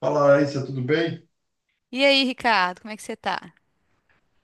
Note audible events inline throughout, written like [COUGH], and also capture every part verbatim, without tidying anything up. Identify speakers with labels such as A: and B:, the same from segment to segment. A: Fala, Larissa, tudo bem?
B: E aí, Ricardo, como é que você tá?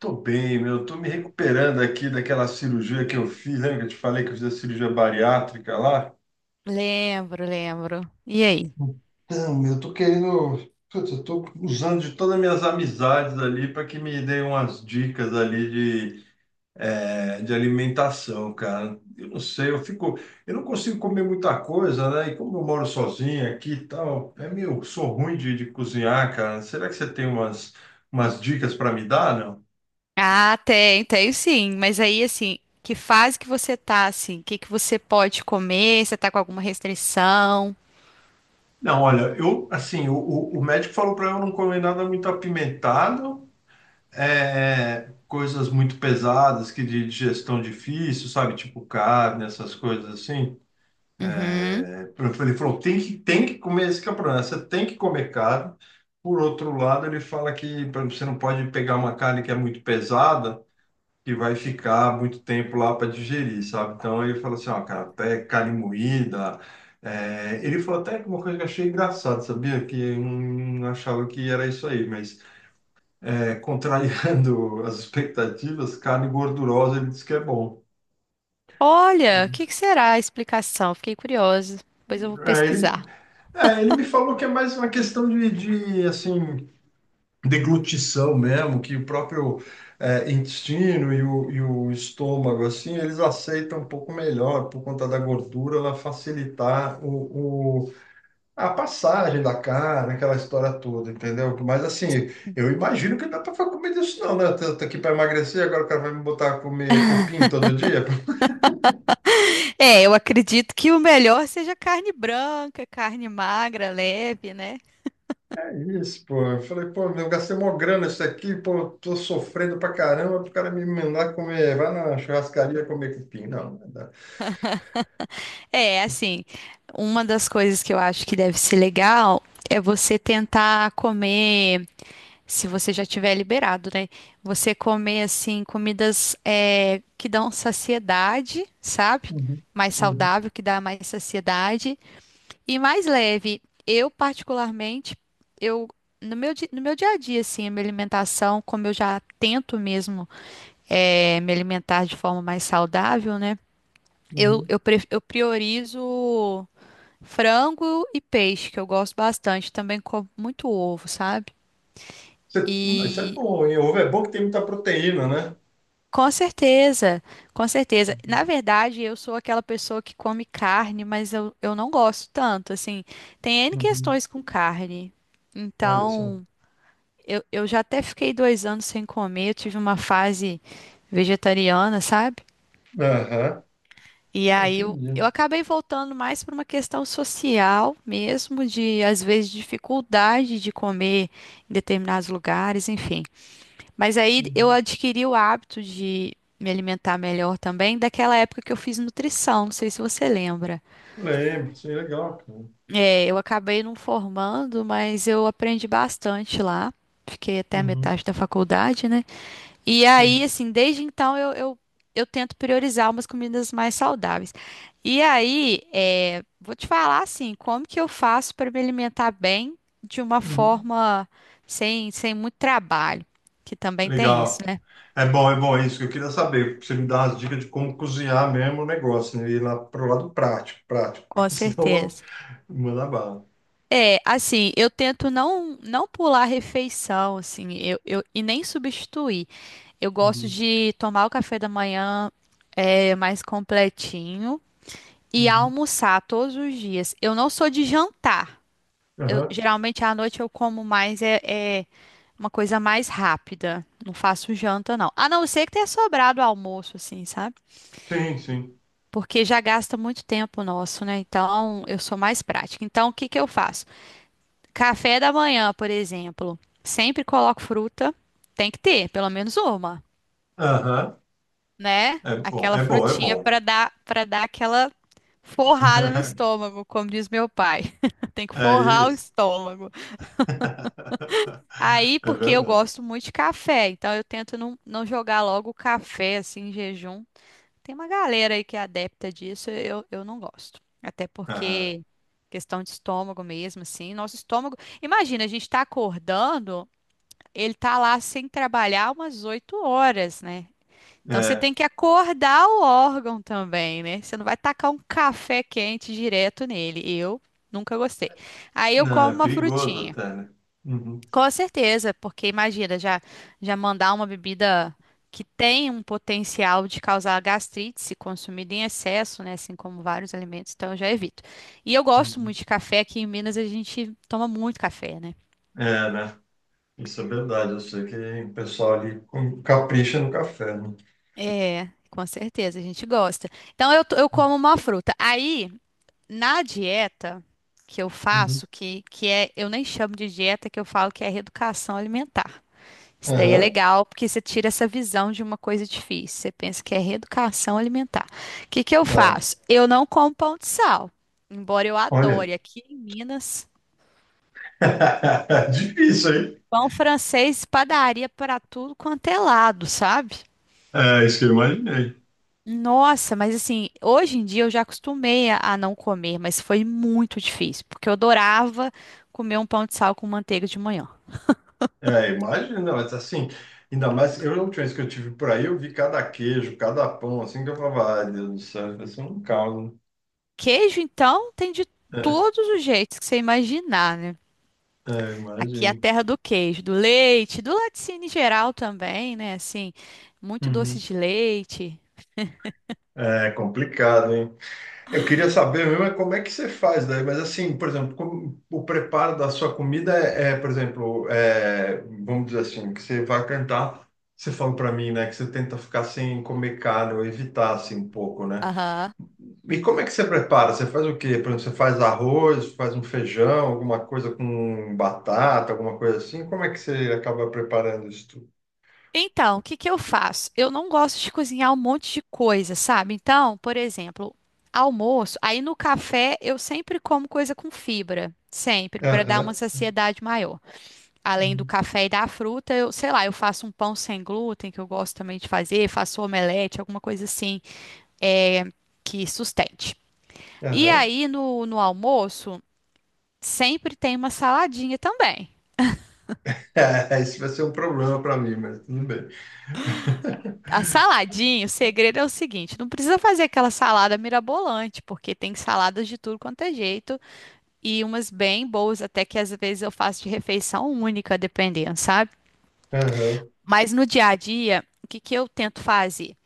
A: Tô bem, meu. Tô me recuperando aqui daquela cirurgia que eu fiz. Lembra que eu te falei que eu fiz a cirurgia bariátrica lá?
B: Lembro, lembro. E aí?
A: Então, meu, eu tô querendo. Putz, eu tô usando de todas as minhas amizades ali para que me deem umas dicas ali de, eh, de alimentação, cara. Eu não sei, eu fico. Eu não consigo comer muita coisa, né? E como eu moro sozinho aqui e tal, é meio. Sou ruim de, de cozinhar, cara. Será que você tem umas, umas dicas para me dar?
B: Ah, tem, tem sim. Mas aí, assim, que fase que você tá, assim? O que que você pode comer? Você tá com alguma restrição?
A: Não, olha, eu assim, o, o, o médico falou para eu não comer nada muito apimentado, é, coisas muito pesadas, que de digestão difícil, sabe? Tipo carne, essas coisas assim.
B: Uhum.
A: É, ele falou, tem que, tem que comer, esse que é o problema, você tem que comer carne. Por outro lado, ele fala que pra- você não pode pegar uma carne que é muito pesada, que vai ficar muito tempo lá para digerir, sabe? Então ele falou assim, ó, cara, até carne moída. É, ele falou até que uma coisa que eu achei engraçado, sabia? Que eu não achava que era isso aí, mas é, contrariando [LAUGHS] as expectativas, carne gordurosa ele disse que é bom.
B: Olha, o que que será a explicação? Fiquei curiosa. Depois eu vou
A: É, ele,
B: pesquisar.
A: é, ele me falou que é mais uma questão de, de assim. Deglutição mesmo, que o próprio eh, intestino e o, e o estômago, assim, eles aceitam um pouco melhor, por conta da gordura, ela facilitar o, o- a passagem da carne, aquela história toda, entendeu? Mas, assim, eu imagino que não dá para comer disso não, né? Tô, tô aqui para emagrecer, agora o cara vai me botar a comer cupim todo dia? [LAUGHS]
B: É, eu acredito que o melhor seja carne branca, carne magra, leve, né?
A: É isso, pô. Eu falei, pô, meu, eu gastei mó grana isso aqui, pô, tô sofrendo pra caramba, pro cara me mandar comer, vai na churrascaria comer cupim. Não, não dá.
B: É, assim, uma das coisas que eu acho que deve ser legal é você tentar comer. Se você já tiver liberado, né? Você comer assim comidas é, que dão saciedade, sabe?
A: Uhum,
B: Mais
A: uhum,
B: saudável, que dá mais saciedade e mais leve. Eu particularmente, eu no meu, di- no meu dia a dia, assim, a minha alimentação, como eu já tento mesmo é, me alimentar de forma mais saudável, né? Eu,
A: uhum.
B: eu, pre- eu priorizo frango e peixe, que eu gosto bastante. Também como muito ovo, sabe?
A: Você- Isso é
B: E
A: bom, hein? Ovo é bom que tem muita proteína, né?
B: com certeza, com certeza. Na
A: Uhum,
B: verdade, eu sou aquela pessoa que come carne, mas eu, eu não gosto tanto, assim. Tem N
A: uhum.
B: questões com carne.
A: Olha só.
B: Então, eu, eu já até fiquei dois anos sem comer, eu tive uma fase vegetariana, sabe?
A: Aham.
B: E
A: Ah,
B: aí eu, eu
A: entendi.
B: acabei voltando mais para uma questão social mesmo, de às vezes dificuldade de comer em determinados lugares, enfim. Mas aí eu
A: Uhum.
B: adquiri o hábito de me alimentar melhor também daquela época que eu fiz nutrição, não sei se você lembra.
A: Lembro, isso é legal, cara.
B: É, eu acabei não formando, mas eu aprendi bastante lá. Fiquei até a
A: Uhum.
B: metade da faculdade, né? E
A: Sim.
B: aí, assim, desde então eu, eu, eu tento priorizar umas comidas mais saudáveis. E aí, é, vou te falar assim, como que eu faço para me alimentar bem de uma
A: Uhum.
B: forma sem, sem muito trabalho, que também tem isso,
A: Legal.
B: né?
A: É bom, é bom, é isso que eu queria saber. Pra Você me dá umas dicas de como cozinhar mesmo o negócio, né? Ir lá pro lado prático, prático.
B: Com
A: [LAUGHS] Senão eu
B: certeza.
A: vou mandar bala.
B: É, assim, eu tento não não pular a refeição, assim, eu, eu, e nem substituir. Eu gosto
A: Uhum,
B: de tomar o café da manhã é, mais completinho e
A: uhum.
B: almoçar todos os dias. Eu não sou de jantar. Eu,
A: Aham.
B: geralmente à noite eu como mais é, é uma coisa mais rápida. Não faço janta, não. A não ser que tenha sobrado almoço, assim, sabe?
A: Sim, sim.
B: Porque já gasta muito tempo nosso, né? Então eu sou mais prática. Então o que que eu faço? Café da manhã, por exemplo, sempre coloco fruta, tem que ter pelo menos uma,
A: Aham.
B: né?
A: É bom,
B: Aquela
A: é bom, é
B: frutinha
A: bom.
B: para dar para dar aquela forrada no
A: [LAUGHS]
B: estômago, como diz meu pai. [LAUGHS] Tem que
A: É
B: forrar o
A: isso.
B: estômago.
A: [LAUGHS]
B: Aí,
A: É
B: porque eu
A: verdade.
B: gosto muito de café, então eu tento não, não jogar logo o café assim em jejum. Tem uma galera aí que é adepta disso, eu, eu não gosto. Até
A: Aham.
B: porque questão de estômago mesmo, assim, nosso estômago. Imagina, a gente tá acordando. Ele tá lá sem trabalhar umas oito horas, né? Então você
A: É,
B: tem que acordar o órgão também, né? Você não vai tacar um café quente direto nele. Eu nunca gostei. Aí eu
A: não,
B: como
A: é
B: uma
A: perigoso
B: frutinha.
A: até, né? Uhum,
B: Com certeza, porque imagina, já, já mandar uma bebida que tem um potencial de causar gastrite se consumida em excesso, né? Assim como vários alimentos, então eu já evito. E eu gosto
A: uhum.
B: muito de café, aqui em Minas a gente toma muito café, né?
A: É, né? Isso é verdade. Eu sei que o pessoal ali com- capricha no café, né?
B: É, com certeza, a gente gosta. Então eu, to- eu como uma fruta. Aí, na dieta que eu
A: Uhum.
B: faço, que, que é, eu nem chamo de dieta, que eu falo que é reeducação alimentar. Isso daí é
A: Aham.
B: legal, porque você tira essa visão de uma coisa difícil. Você pensa que é reeducação alimentar. O que que eu
A: Tá.
B: faço? Eu não como pão de sal, embora eu
A: Olha.
B: adore aqui em Minas,
A: [LAUGHS] Difícil, hein?
B: pão francês, padaria para tudo quanto é lado, sabe?
A: É isso que eu imaginei.
B: Nossa, mas assim, hoje em dia eu já acostumei a, a não comer, mas foi muito difícil, porque eu adorava comer um pão de sal com manteiga de manhã.
A: É, imagina, mas assim, ainda mais, eu a última vez que eu tive por aí, eu vi cada queijo, cada pão, assim, que eu falava, ai, Deus do céu, isso é um caos,
B: Queijo, então, tem de
A: né?
B: todos os jeitos que você imaginar, né?
A: É, é,
B: Aqui é a
A: imagino.
B: terra do queijo, do leite, do laticínio em geral também, né? Assim, muito doce
A: Uhum.
B: de leite.
A: É complicado, hein? Eu queria saber mesmo é como é que você faz daí, mas assim, por exemplo, como o preparo da sua comida é, é, por exemplo, é, vamos dizer assim, que você vai cantar, você falou para mim, né, que você tenta ficar sem comer carne ou evitar assim um pouco, né?
B: Aham.
A: E como é que você prepara? Você faz o quê? Por exemplo, você faz arroz, faz um feijão, alguma coisa com batata, alguma coisa assim? Como é que você acaba preparando isso tudo?
B: Então, o que que eu faço? Eu não gosto de cozinhar um monte de coisa, sabe? Então, por exemplo, almoço, aí no café eu sempre como coisa com fibra, sempre, para dar uma
A: Aham.
B: saciedade maior. Além do
A: Uhum.
B: café e da fruta, eu, sei lá, eu faço um pão sem glúten, que eu gosto também de fazer, faço omelete, alguma coisa assim, é, que sustente. E
A: Aham.
B: aí no, no almoço, sempre tem uma saladinha também.
A: É, isso vai ser um problema para mim, mas tudo bem.
B: A
A: [LAUGHS]
B: saladinha, o segredo é o seguinte: não precisa fazer aquela salada mirabolante, porque tem saladas de tudo quanto é jeito e umas bem boas, até que às vezes eu faço de refeição única, dependendo, sabe?
A: Aham.
B: Mas no dia a dia, o que que eu tento fazer?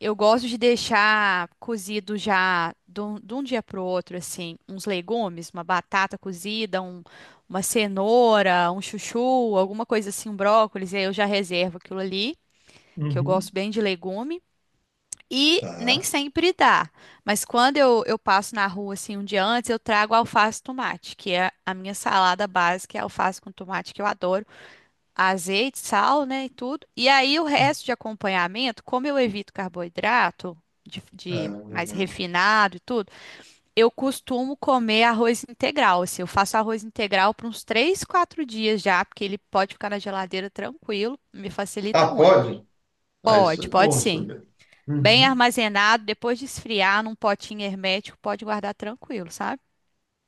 B: Eu gosto de deixar cozido já de um, de um dia para o outro, assim, uns legumes, uma batata cozida, um- uma cenoura, um chuchu, alguma coisa assim, um brócolis, e aí eu já reservo aquilo ali, que eu
A: Uhum.
B: gosto bem de legume. E nem
A: Tá.
B: sempre dá. Mas quando eu, eu passo na rua assim um dia antes, eu trago alface e tomate, que é a minha salada básica, é alface com tomate que eu adoro, azeite, sal, né, e tudo. E aí o resto de acompanhamento, como eu evito carboidrato de, de mais
A: Ahn.
B: refinado e tudo, eu costumo comer arroz integral. Assim, eu faço arroz integral por uns três, quatro dias já, porque ele pode ficar na geladeira tranquilo, me facilita
A: Ah,
B: muito.
A: pode? Ah, isso é
B: Pode, pode
A: bom
B: sim.
A: saber.
B: Bem
A: Uhum.
B: armazenado, depois de esfriar num potinho hermético, pode guardar tranquilo, sabe?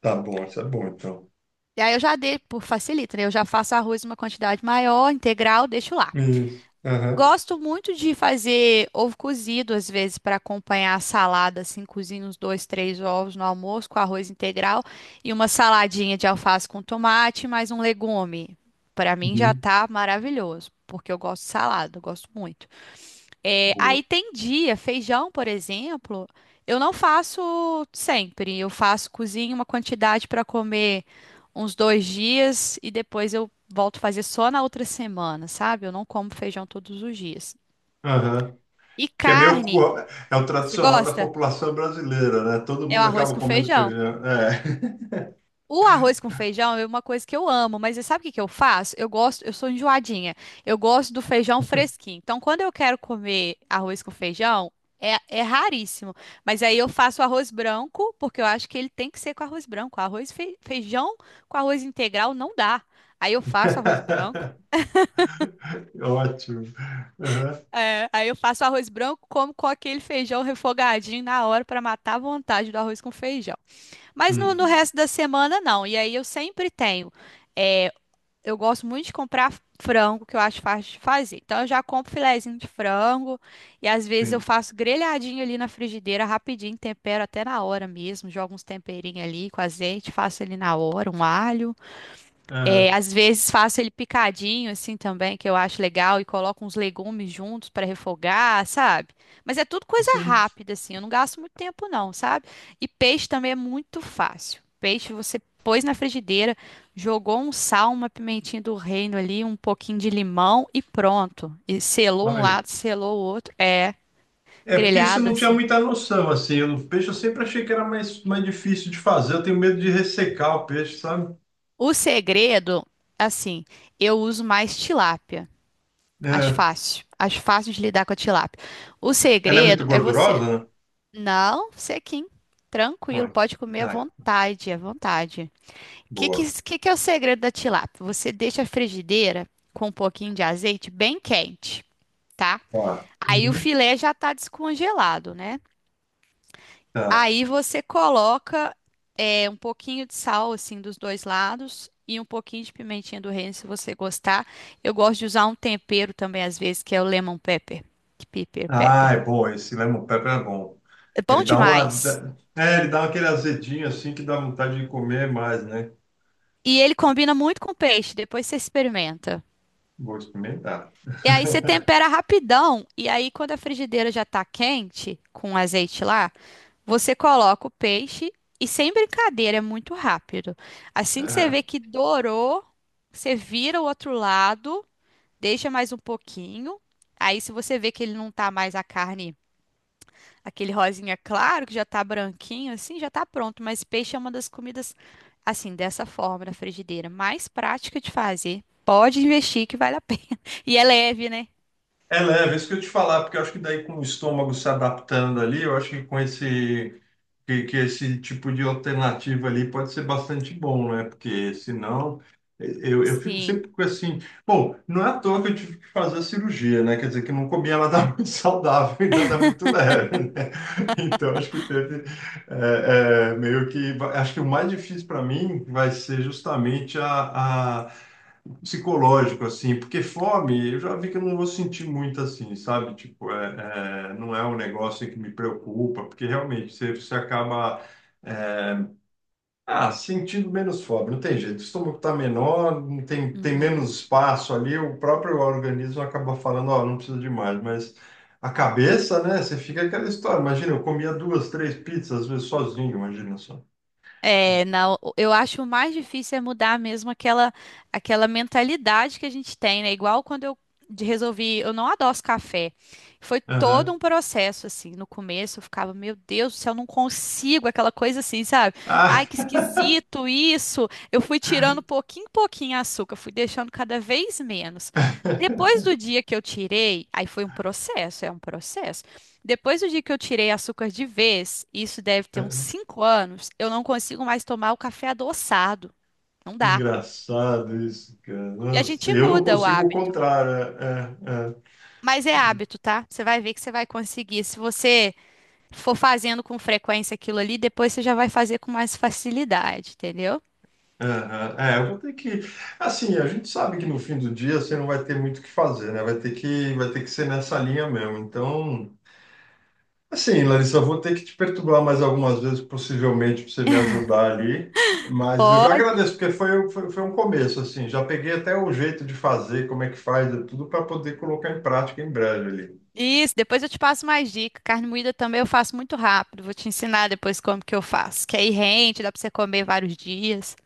A: Tá bom, isso é bom, então.
B: E aí eu já dei por facilita, né? Eu já faço arroz em uma quantidade maior, integral, deixo lá.
A: Isso. Aham.
B: Gosto muito de fazer ovo cozido, às vezes, para acompanhar a salada, assim, cozinho uns dois, três ovos no almoço com arroz integral e uma saladinha de alface com tomate, mais um legume. Para mim já
A: Uhum.
B: tá maravilhoso, porque eu gosto de salada, eu gosto muito. É,
A: Boa.
B: aí tem dia, feijão, por exemplo, eu não faço sempre. Eu faço, cozinho uma quantidade para comer uns dois dias e depois eu volto a fazer só na outra semana, sabe? Eu não como feijão todos os dias.
A: Aham.
B: E
A: Que é meio...
B: carne,
A: co- É o
B: você
A: tradicional da
B: gosta?
A: população brasileira, né? Todo
B: É o
A: mundo
B: arroz
A: acaba
B: com
A: comendo
B: feijão.
A: feijão. É.
B: O arroz com feijão é uma coisa que eu amo, mas você sabe o que que eu faço? Eu gosto, eu sou enjoadinha. Eu gosto do feijão fresquinho. Então, quando eu quero comer arroz com feijão, é, é raríssimo. Mas aí eu faço arroz branco, porque eu acho que ele tem que ser com arroz branco. Arroz fe- feijão com arroz integral não dá. Aí eu faço arroz branco.
A: [LAUGHS] Ótimo. Aham.
B: É, aí eu faço arroz branco como com aquele feijão refogadinho na hora para matar a vontade do arroz com feijão. Mas no, no
A: Uhum.
B: resto da semana não. E aí eu sempre tenho. Eu gosto muito de comprar frango, que eu acho fácil de fazer. Então, eu já compro filezinho de frango e às vezes eu
A: Sim.
B: faço grelhadinho ali na frigideira, rapidinho, tempero até na hora mesmo, jogo uns temperinhos ali com azeite, faço ali na hora, um alho. É,
A: Aham.
B: às vezes faço ele picadinho assim também, que eu acho legal, e coloco uns legumes juntos para refogar, sabe? Mas é tudo coisa
A: Sim.
B: rápida assim, eu não gasto muito tempo não, sabe? E peixe também é muito fácil. Peixe você pôs na frigideira, jogou um sal, uma pimentinha do reino ali, um pouquinho de limão e pronto. E selou um
A: Olha.
B: lado, selou o outro, é
A: É, porque isso eu
B: grelhado
A: não tinha
B: assim.
A: muita noção, assim. Eu, no peixe eu sempre achei que era mais, mais difícil de fazer. Eu tenho medo de ressecar o peixe, sabe?
B: O segredo, assim, eu uso mais tilápia. As
A: É.
B: fáceis. As fáceis de lidar com a tilápia. O
A: Ela é muito
B: segredo é você
A: gordurosa, né?
B: não sequinho. Tranquilo,
A: Ai, que-
B: pode comer à
A: ai,
B: vontade, à vontade. O que, que,
A: boa.
B: que que é o segredo da tilápia? Você deixa a frigideira com um pouquinho de azeite bem quente, tá?
A: Tá.
B: Aí o
A: Uhum.
B: filé já tá descongelado, né?
A: Tá.
B: Aí você coloca é, um pouquinho de sal, assim, dos dois lados e um pouquinho de pimentinha do reino, se você gostar. Eu gosto de usar um tempero também, às vezes, que é o lemon pepper. Pepper,
A: Ah,
B: pepper.
A: é bom. Esse lemon pepper é bom.
B: É
A: Ele
B: bom
A: dá uma...
B: demais.
A: dá- É, ele dá aquele azedinho, assim, que dá vontade de comer mais, né?
B: E ele combina muito com peixe, depois você experimenta.
A: Vou experimentar.
B: E aí você
A: [LAUGHS]
B: tempera rapidão. E aí, quando a frigideira já tá quente, com azeite lá, você coloca o peixe e sem brincadeira, é muito rápido. Assim que você
A: É.
B: vê que dourou, você vira o outro lado, deixa mais um pouquinho. Aí, se você vê que ele não tá mais a carne, aquele rosinha claro, que já tá branquinho, assim, já tá pronto. Mas peixe é uma das comidas, assim, dessa forma, na frigideira, mais prática de fazer. Pode investir que vale a pena. [LAUGHS] E é leve, né?
A: É leve, é isso que eu te falar, porque eu acho que daí com o estômago se adaptando ali, eu acho que com esse... que, que esse tipo de alternativa ali pode ser bastante bom, né? Porque senão eh, eu, eu fico
B: Sim.
A: sempre com assim, bom, não é à toa que eu tive que fazer a cirurgia, né? Quer dizer, que eu não comia nada [LAUGHS] muito saudável e nada muito leve, né? Então acho que teve eh, eh, meio que. Acho que o mais difícil para mim vai ser justamente a, a psicológico, assim, porque fome, eu já vi que eu não vou sentir muito assim, sabe? Tipo, é, é, não é um negócio que me preocupa, porque realmente você, você acaba é, ah, sentindo menos fome, não tem jeito. O estômago está menor, não tem, tem
B: Uhum.
A: menos espaço ali, o próprio organismo acaba falando, ó, não precisa de mais, mas a cabeça, né, você fica aquela história. Imagina, eu comia duas, três pizzas, às vezes sozinho, imagina só.
B: É, não eu acho o mais difícil é mudar mesmo aquela, aquela mentalidade que a gente tem, né? Igual quando eu de- resolvi, eu não adoço café. Foi todo
A: Aham.
B: um processo, assim. No começo eu ficava, meu Deus do céu, eu não consigo, aquela coisa assim, sabe? Ai,
A: Ah.
B: que esquisito isso. Eu fui tirando
A: [LAUGHS]
B: pouquinho em pouquinho açúcar, fui deixando cada vez menos. Depois do dia que eu tirei, aí foi um processo, é um processo. Depois do dia que eu tirei açúcar de vez, isso deve ter uns cinco anos, eu não consigo mais tomar o café adoçado. Não dá.
A: Engraçado isso, cara.
B: E a
A: Nossa,
B: gente
A: eu não
B: muda o
A: consigo o
B: hábito.
A: contrário. É,
B: Mas é hábito, tá? Você vai ver que você vai conseguir. Se você for fazendo com frequência aquilo ali, depois você já vai fazer com mais facilidade, entendeu?
A: é, é, é, é, é, eu vou ter que. Assim, a gente sabe que no fim do dia você não vai ter muito o que fazer, né? Vai ter que, vai ter que ser nessa linha mesmo. Então, assim, Larissa, eu vou ter que te perturbar mais algumas vezes, possivelmente, para você me ajudar ali. Mas eu já
B: Pode.
A: agradeço, porque foi, foi, foi um começo, assim. Já peguei até o jeito de fazer, como é que faz, tudo para poder colocar em prática em breve ali.
B: Isso, depois eu te passo mais dicas. Carne moída também eu faço muito rápido. Vou te ensinar depois como que eu faço. Que aí rende, dá pra você comer vários dias.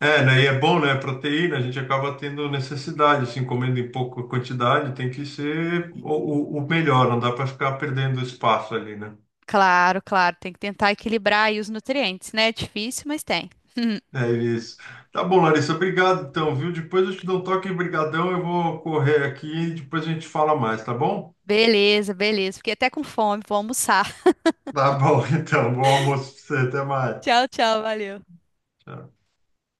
A: É, né? E é bom, né? Proteína, a gente acaba tendo necessidade, assim, comendo em pouca quantidade, tem que ser o, o- o melhor, não dá para ficar perdendo espaço ali, né?
B: Claro, claro, tem que tentar equilibrar aí os nutrientes, né? É difícil, mas tem.
A: É isso. Tá bom, Larissa, obrigado então, viu? Depois eu te dou um toque, brigadão, eu vou correr aqui e depois a gente fala mais, tá bom?
B: Beleza, beleza. Fiquei até com fome, vou almoçar.
A: Tá bom, [LAUGHS] então, bom almoço pra você, até
B: [LAUGHS]
A: mais.
B: Tchau, tchau, valeu.
A: Tchau.